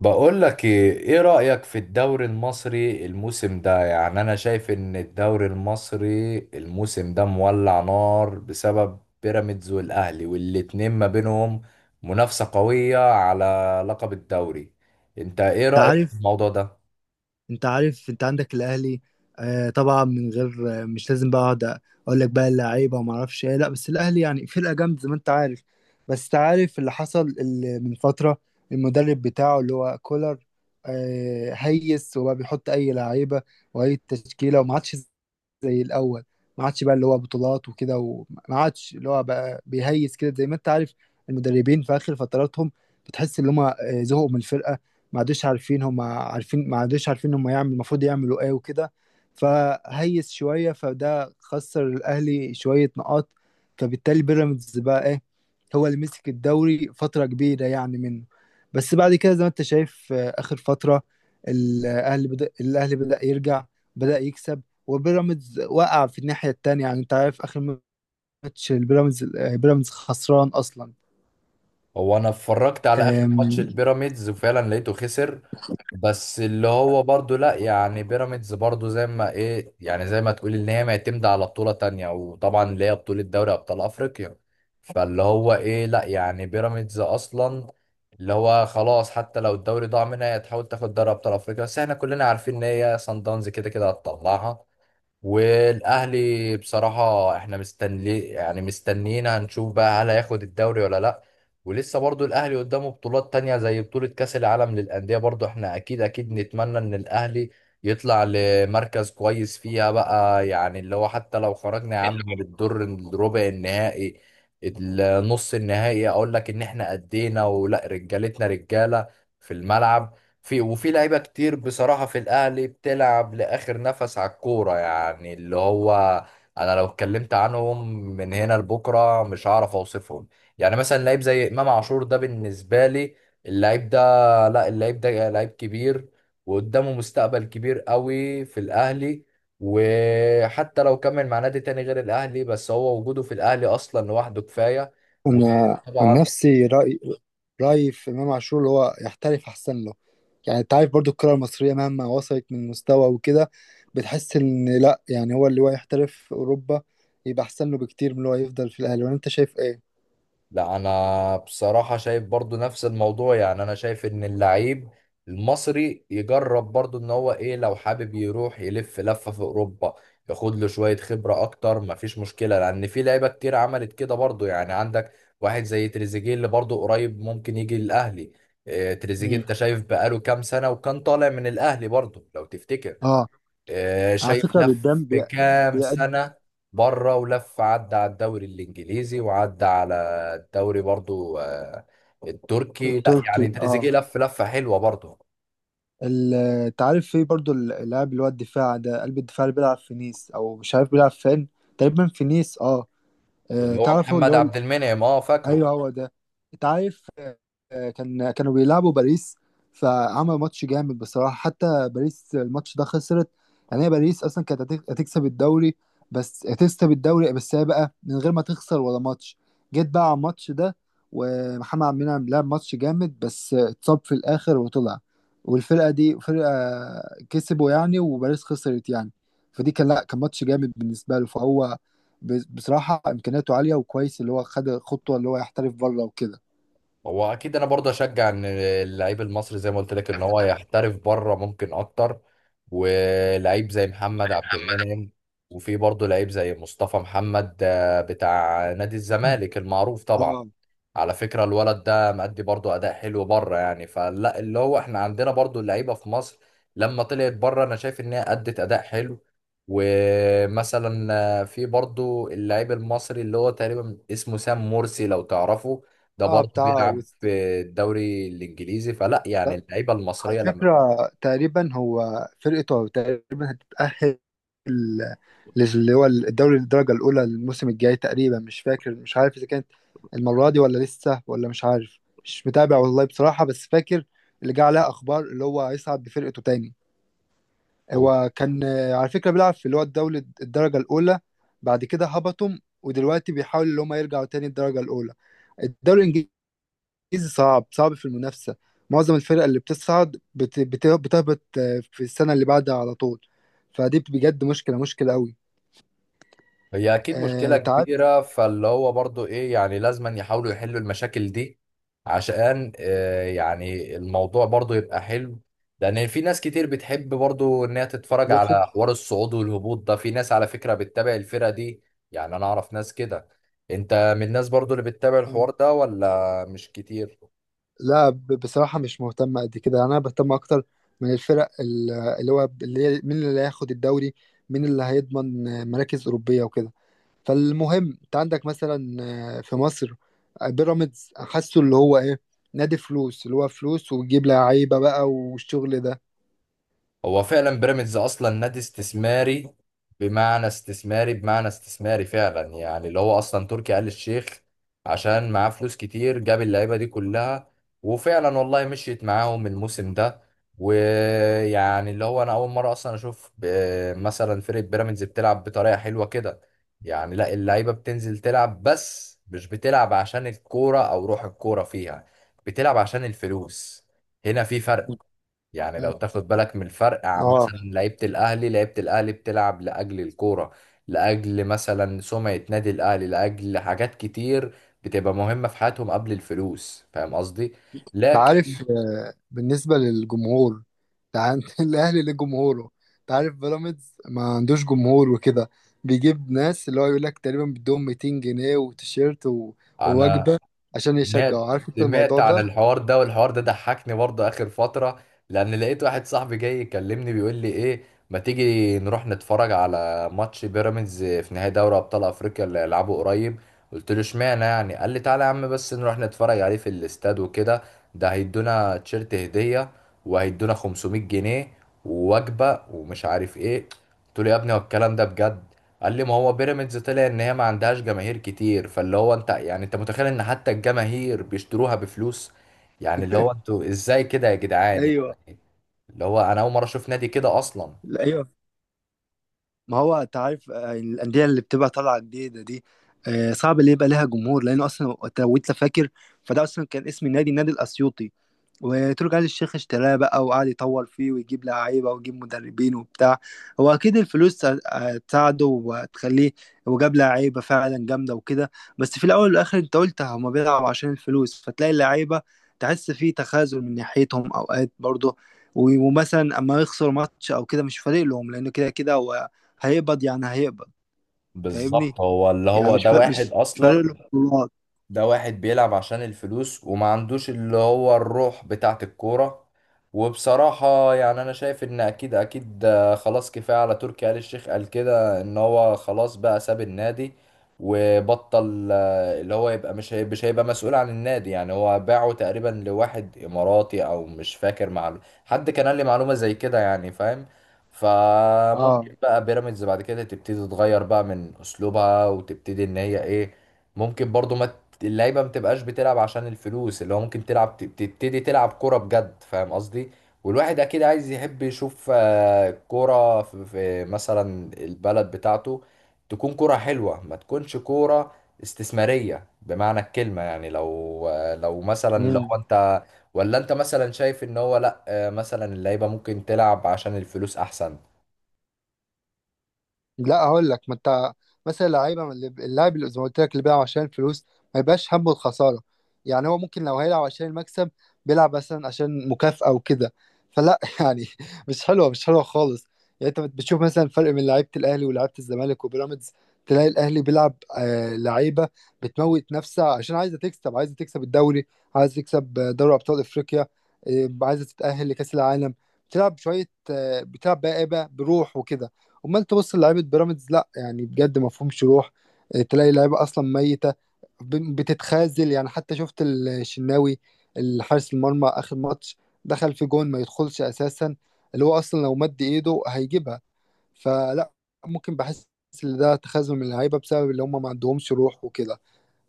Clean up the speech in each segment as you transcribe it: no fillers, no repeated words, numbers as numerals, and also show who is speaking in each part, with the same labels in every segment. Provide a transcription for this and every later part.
Speaker 1: بقول لك ايه رأيك في الدوري المصري الموسم ده، يعني انا شايف ان الدوري المصري الموسم ده مولع نار بسبب بيراميدز والاهلي، والاتنين ما بينهم منافسة قوية على لقب الدوري. انت ايه
Speaker 2: انت
Speaker 1: رأيك في
Speaker 2: عارف
Speaker 1: الموضوع ده؟
Speaker 2: انت عارف انت عندك الاهلي. آه طبعا، من غير آه، مش لازم بقى اقعد اقول لك بقى اللعيبه وما اعرفش ايه. لا بس الاهلي يعني فرقه جامده زي ما انت عارف. بس انت عارف اللي حصل اللي من فتره، المدرب بتاعه اللي هو كولر آه هيس، وبقى بيحط اي لعيبه واي تشكيله، وما عادش زي الاول. ما عادش بقى اللي هو بطولات وكده، وما عادش اللي هو بقى بيهيس كده. زي ما انت عارف، المدربين في اخر فتراتهم بتحس ان هم زهقوا من الفرقه، ما عادوش عارفين هم يعمل المفروض يعملوا ايه وكده. فهيس شوية، فده خسر الأهلي شوية نقاط. فبالتالي بيراميدز بقى ايه، هو اللي مسك الدوري فترة كبيرة يعني منه. بس بعد كده زي ما انت شايف، آخر فترة الأهلي بدأ يرجع، بدأ يكسب، وبيراميدز وقع في الناحية التانية. يعني انت عارف آخر ماتش البيراميدز، بيراميدز خسران أصلا.
Speaker 1: هو انا اتفرجت على اخر ماتش
Speaker 2: آم،
Speaker 1: البيراميدز وفعلا لقيته خسر، بس اللي هو برضو لا يعني بيراميدز برضو زي ما ايه يعني زي ما تقول ان هي معتمدة على بطولة تانية، وطبعا اللي هي بطولة دوري ابطال افريقيا. فاللي هو ايه لا يعني بيراميدز اصلا اللي هو خلاص حتى لو الدوري ضاع منها هي تحاول تاخد دوري ابطال افريقيا، بس احنا كلنا عارفين ان هي سان داونز كده كده هتطلعها. والاهلي بصراحه احنا مستنيين هنشوف بقى هل هياخد الدوري ولا لا. ولسه برضو الاهلي قدامه بطولات تانية زي بطوله كاس العالم للانديه، برضو احنا اكيد اكيد نتمنى ان الاهلي يطلع لمركز كويس فيها بقى. يعني اللي هو حتى لو خرجنا يا عم من الدور الربع النهائي، النص النهائي، اقول لك ان احنا ادينا ولا رجالتنا رجاله في الملعب. في لعيبة كتير بصراحة في الأهلي بتلعب لآخر نفس على الكورة. يعني اللي هو أنا لو اتكلمت عنهم من هنا لبكرة مش هعرف أوصفهم. يعني مثلا لعيب زي إمام عاشور ده بالنسبة لي اللعيب ده، لا اللعيب ده لعيب كبير وقدامه مستقبل كبير قوي في الأهلي. وحتى لو كمل مع نادي تاني غير الأهلي، بس هو وجوده في الأهلي أصلا لوحده كفاية.
Speaker 2: أنا عن
Speaker 1: وطبعا
Speaker 2: نفسي رأيي في إمام عاشور اللي هو يحترف أحسن له. يعني أنت عارف برضو الكرة المصرية مهما وصلت من مستوى وكده، بتحس إن لأ، يعني هو اللي هو يحترف في أوروبا يبقى أحسن له بكتير من اللي هو يفضل في الأهلي. وأنت شايف إيه؟
Speaker 1: لا انا بصراحة شايف برضو نفس الموضوع. يعني انا شايف ان اللعيب المصري يجرب برضو ان هو ايه لو حابب يروح يلف لفة في اوروبا ياخد له شوية خبرة اكتر، مفيش مشكلة، لان في لعيبة كتير عملت كده برضو. يعني عندك واحد زي تريزيجيه اللي برضو قريب ممكن يجي الاهلي. تريزيجيه انت
Speaker 2: مم.
Speaker 1: شايف بقاله كام سنة وكان طالع من الاهلي برضو لو تفتكر.
Speaker 2: اه، على
Speaker 1: شايف
Speaker 2: فكرة
Speaker 1: لف
Speaker 2: بيدام
Speaker 1: في كام
Speaker 2: بيقد
Speaker 1: سنة بره ولف عدى على الدوري الإنجليزي، وعدى على الدوري برضو التركي. لا يعني
Speaker 2: التركي، اه.
Speaker 1: تريزيجيه لف لفة حلوة برضو.
Speaker 2: ال- انت عارف في برضو اللاعب اللي هو الدفاع ده، قلب الدفاع اللي بيلعب في نيس او مش عارف بيلعب فين، تقريبا في نيس، اه.
Speaker 1: اللي هو
Speaker 2: تعرف هو اللي
Speaker 1: محمد
Speaker 2: هو،
Speaker 1: عبد المنعم اه فاكره.
Speaker 2: ايوه هو ده. انت عارف، كانوا بيلعبوا باريس، فعمل ماتش جامد بصراحه. حتى باريس الماتش ده خسرت. يعني هي باريس اصلا كانت هتكسب الدوري، بس هتكسب الدوري بس هي بقى من غير ما تخسر ولا ماتش. جيت بقى على الماتش ده ومحمد عبد المنعم لعب ماتش جامد، بس اتصاب في الاخر وطلع، والفرقه دي فرقه كسبوا يعني وباريس خسرت يعني. فدي كان لا، كان ماتش جامد بالنسبه له. فهو بصراحة إمكانياته عالية، وكويس اللي هو خد خطوة اللي هو يحترف بره وكده.
Speaker 1: هو اكيد انا برضه اشجع ان اللعيب المصري زي ما قلت لك ان هو يحترف بره ممكن اكتر. ولعيب زي محمد عبد المنعم، وفي برضه لعيب زي مصطفى محمد بتاع نادي الزمالك المعروف طبعا.
Speaker 2: اه،
Speaker 1: على فكرة الولد ده مأدي برضه اداء حلو بره. يعني فلا اللي هو احنا عندنا برضه اللعيبة في مصر لما طلعت بره انا شايف ان هي ادت اداء حلو. ومثلا في برضه اللعيب المصري اللي هو تقريبا اسمه سام مرسي لو تعرفه، ده
Speaker 2: اه،
Speaker 1: برضه
Speaker 2: بتاع
Speaker 1: بيلعب
Speaker 2: وست...
Speaker 1: في الدوري الانجليزي. فلا يعني
Speaker 2: لا،
Speaker 1: اللعيبه
Speaker 2: على
Speaker 1: المصريه لما
Speaker 2: فكرة تقريبا هو فرقته تقريبا هتتأهل اللي هو الدوري الدرجة الأولى الموسم الجاي، تقريبا مش فاكر، مش عارف إذا كانت المرة دي ولا لسه، ولا مش عارف مش متابع والله بصراحة. بس فاكر اللي جه عليها أخبار اللي هو هيصعد بفرقته تاني.
Speaker 1: بتبقى- over،
Speaker 2: هو كان، على فكرة بيلعب في اللي هو الدولة الدرجة الأولى، بعد كده هبطهم، ودلوقتي بيحاولوا اللي هم يرجعوا تاني الدرجة الأولى. الدوري الإنجليزي صعب، صعب في المنافسة. معظم الفرق اللي بتصعد بتهبط، في السنة اللي بعدها على طول. فدي بجد مشكلة، مشكلة قوي.
Speaker 1: هي اكيد مشكله
Speaker 2: أنت عارف
Speaker 1: كبيره. فاللي هو برضه ايه، يعني لازم يحاولوا يحلوا المشاكل دي عشان يعني الموضوع برضه يبقى حلو. لان في ناس كتير بتحب برضه ان هي تتفرج
Speaker 2: يبقى
Speaker 1: على حوار الصعود والهبوط ده، في ناس على فكره بتتابع الفرقه دي. يعني انا اعرف ناس كده. انت من الناس برضه اللي بتتابع
Speaker 2: آه،
Speaker 1: الحوار ده ولا مش كتير؟
Speaker 2: لا، بصراحة مش مهتم قد كده. أنا بهتم أكتر من اللي هو اللي هي مين اللي هياخد الدوري، مين اللي هيضمن، مراكز أوروبية وكده. فالمهم انت عندك مثلا، في مصر، بيراميدز حاسه اللي هو ايه، نادي فلوس، اللي هو فلوس وتجيب لعيبه بقى والشغل ده.
Speaker 1: هو فعلا بيراميدز اصلا نادي استثماري. بمعنى استثماري فعلا، يعني اللي هو اصلا تركي آل الشيخ عشان معاه فلوس كتير جاب اللعيبه دي كلها. وفعلا والله مشيت معاهم الموسم ده. ويعني اللي هو انا اول مره اصلا اشوف مثلا فرقه بيراميدز بتلعب بطريقه حلوه كده. يعني لا اللعيبه بتنزل تلعب بس مش بتلعب عشان الكوره او روح الكوره فيها، بتلعب عشان الفلوس. هنا في فرق. يعني لو تاخد بالك من الفرق عن
Speaker 2: اه،
Speaker 1: مثلا لعيبة الأهلي، لعيبة الأهلي بتلعب لأجل الكورة، لأجل مثلا سمعة نادي الأهلي، لأجل حاجات كتير بتبقى مهمة في حياتهم قبل الفلوس. فاهم قصدي؟
Speaker 2: انت
Speaker 1: لكن
Speaker 2: عارف بالنسبه للجمهور. انت عن- الاهلي ليه جمهوره، انت عارف بيراميدز ما عندوش جمهور وكده. بيجيب ناس اللي هو يقول لك تقريبا بدهم 200 جنيه وتيشيرت
Speaker 1: أنا
Speaker 2: ووجبه عشان
Speaker 1: سمعت
Speaker 2: يشجعوا. عارف انت الموضوع
Speaker 1: سمعت عن
Speaker 2: ده؟
Speaker 1: الحوار ده، والحوار ده ضحكني برضه آخر فترة. لأن لقيت واحد صاحبي جاي يكلمني بيقول لي إيه، ما تيجي نروح نتفرج على ماتش بيراميدز في نهائي دوري أبطال أفريقيا اللي هيلعبه قريب. قلت له اشمعنى يعني؟ قال لي تعالى يا عم بس نروح نتفرج عليه في الاستاد وكده، ده هيدونا تيشيرت هدية وهيدونا 500 جنيه ووجبة ومش عارف إيه. قلت له يا ابني هو الكلام ده بجد؟ قال لي ما هو بيراميدز طلع ان هي ما عندهاش جماهير كتير. فاللي هو انت يعني انت متخيل ان حتى الجماهير بيشتروها بفلوس؟ يعني اللي هو انتوا ازاي كده يا جدعان
Speaker 2: ايوه.
Speaker 1: يعني. اللي هو انا اول مره اشوف نادي كده اصلا.
Speaker 2: لا، ايوه. ما هو انت عارف الانديه اللي بتبقى طالعه جديده دي، صعب اللي يبقى لها جمهور، لانه اصلا لو انت فاكر فده اصلا كان اسم النادي النادي الاسيوطي، وتركي آل الشيخ اشتراه بقى وقعد يطور فيه ويجيب لعيبة ويجيب مدربين وبتاع. هو أكيد الفلوس هتساعده وهتخليه، وجاب لعيبة فعلا جامدة وكده. بس في الأول والآخر أنت قلت هما بيلعبوا عشان الفلوس، فتلاقي اللعيبة تحس فيه تخاذل من ناحيتهم أوقات برضه. ومثلا أما يخسر ماتش أو كده مش فارق لهم، لأنه كده كده هو هيقبض، يعني هيقبض. فاهمني؟
Speaker 1: بالظبط، هو اللي
Speaker 2: يعني
Speaker 1: هو ده
Speaker 2: مش
Speaker 1: واحد
Speaker 2: فارق
Speaker 1: اصلا،
Speaker 2: له البطولات.
Speaker 1: ده واحد بيلعب عشان الفلوس وما عندوش اللي هو الروح بتاعت الكورة. وبصراحة يعني أنا شايف إن أكيد أكيد خلاص كفاية على تركي آل الشيخ. قال كده إن هو خلاص بقى ساب النادي وبطل اللي هو يبقى مش مش هيبقى مسؤول عن النادي. يعني هو باعه تقريبا لواحد إماراتي أو مش فاكر، مع حد كان قال لي معلومة زي كده، يعني فاهم.
Speaker 2: اه.
Speaker 1: فممكن بقى بيراميدز بعد كده تبتدي تتغير بقى من أسلوبها وتبتدي إن هي إيه، ممكن برضو ما اللعيبه ما بتبقاش بتلعب عشان الفلوس، اللي هو ممكن تلعب تبتدي تلعب كوره بجد. فاهم قصدي؟ والواحد اكيد عايز يحب يشوف كوره في في مثلا البلد بتاعته تكون كوره حلوه، ما تكونش كوره استثماريه بمعنى الكلمه. يعني لو لو مثلا لو انت، ولا انت مثلا شايف ان هو لا مثلا اللعيبه ممكن تلعب عشان الفلوس احسن؟
Speaker 2: لا، هقول لك، ما انت مثلا لعيبه من اللاعب اللي زي ما قلت لك اللي بيلعب عشان الفلوس ما يبقاش همه الخساره. يعني هو ممكن لو هيلعب عشان المكسب، بيلعب مثلا عشان مكافاه وكده. فلا يعني مش حلوه، مش حلوه خالص. يعني انت بتشوف مثلا الفرق بين لعيبه الاهلي ولعيبه الزمالك وبيراميدز. تلاقي الاهلي بيلعب آه لعيبه بتموت نفسها عشان عايزه تكسب، عايزه تكسب الدوري، عايزه تكسب دوري ابطال افريقيا، عايزه تتاهل لكاس العالم. بتلعب شويه بتلعب بقى ايه بقى بروح وكده. امال تبص لعيبه بيراميدز، لا يعني بجد ما فيهمش روح. تلاقي لعيبه اصلا ميته، بتتخاذل يعني. حتى شفت الشناوي الحارس المرمى اخر ماتش دخل في جون ما يدخلش اساسا، اللي هو اصلا لو مد ايده هيجيبها. فلا، ممكن بحس ان ده تخاذل من اللعيبه بسبب اللي هم ما عندهمش روح وكده.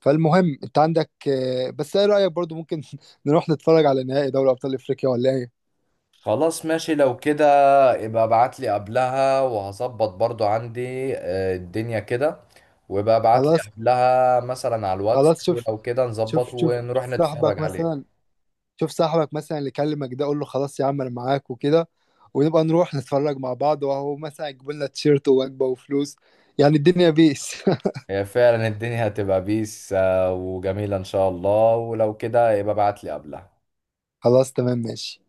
Speaker 2: فالمهم انت عندك بس ايه رايك برضو ممكن نروح نتفرج على نهائي دوري ابطال افريقيا ولا ايه؟
Speaker 1: خلاص ماشي، لو كده يبقى ابعت لي قبلها وهظبط برضو عندي الدنيا كده. ويبقى ابعت لي
Speaker 2: خلاص،
Speaker 1: قبلها مثلا على الواتس،
Speaker 2: خلاص.
Speaker 1: ولو كده نظبط
Speaker 2: شوف
Speaker 1: ونروح
Speaker 2: صاحبك
Speaker 1: نتفرج
Speaker 2: مثلا،
Speaker 1: عليه.
Speaker 2: شوف صاحبك مثلا اللي كلمك ده، قول له خلاص يا عم انا معاك وكده، ونبقى نروح نتفرج مع بعض، وهو مثلا يجيب لنا تيشيرت ووجبه وفلوس. يعني الدنيا بيس.
Speaker 1: هي فعلا الدنيا هتبقى بيس وجميلة ان شاء الله، ولو كده يبقى ابعت لي قبلها.
Speaker 2: خلاص تمام ماشي.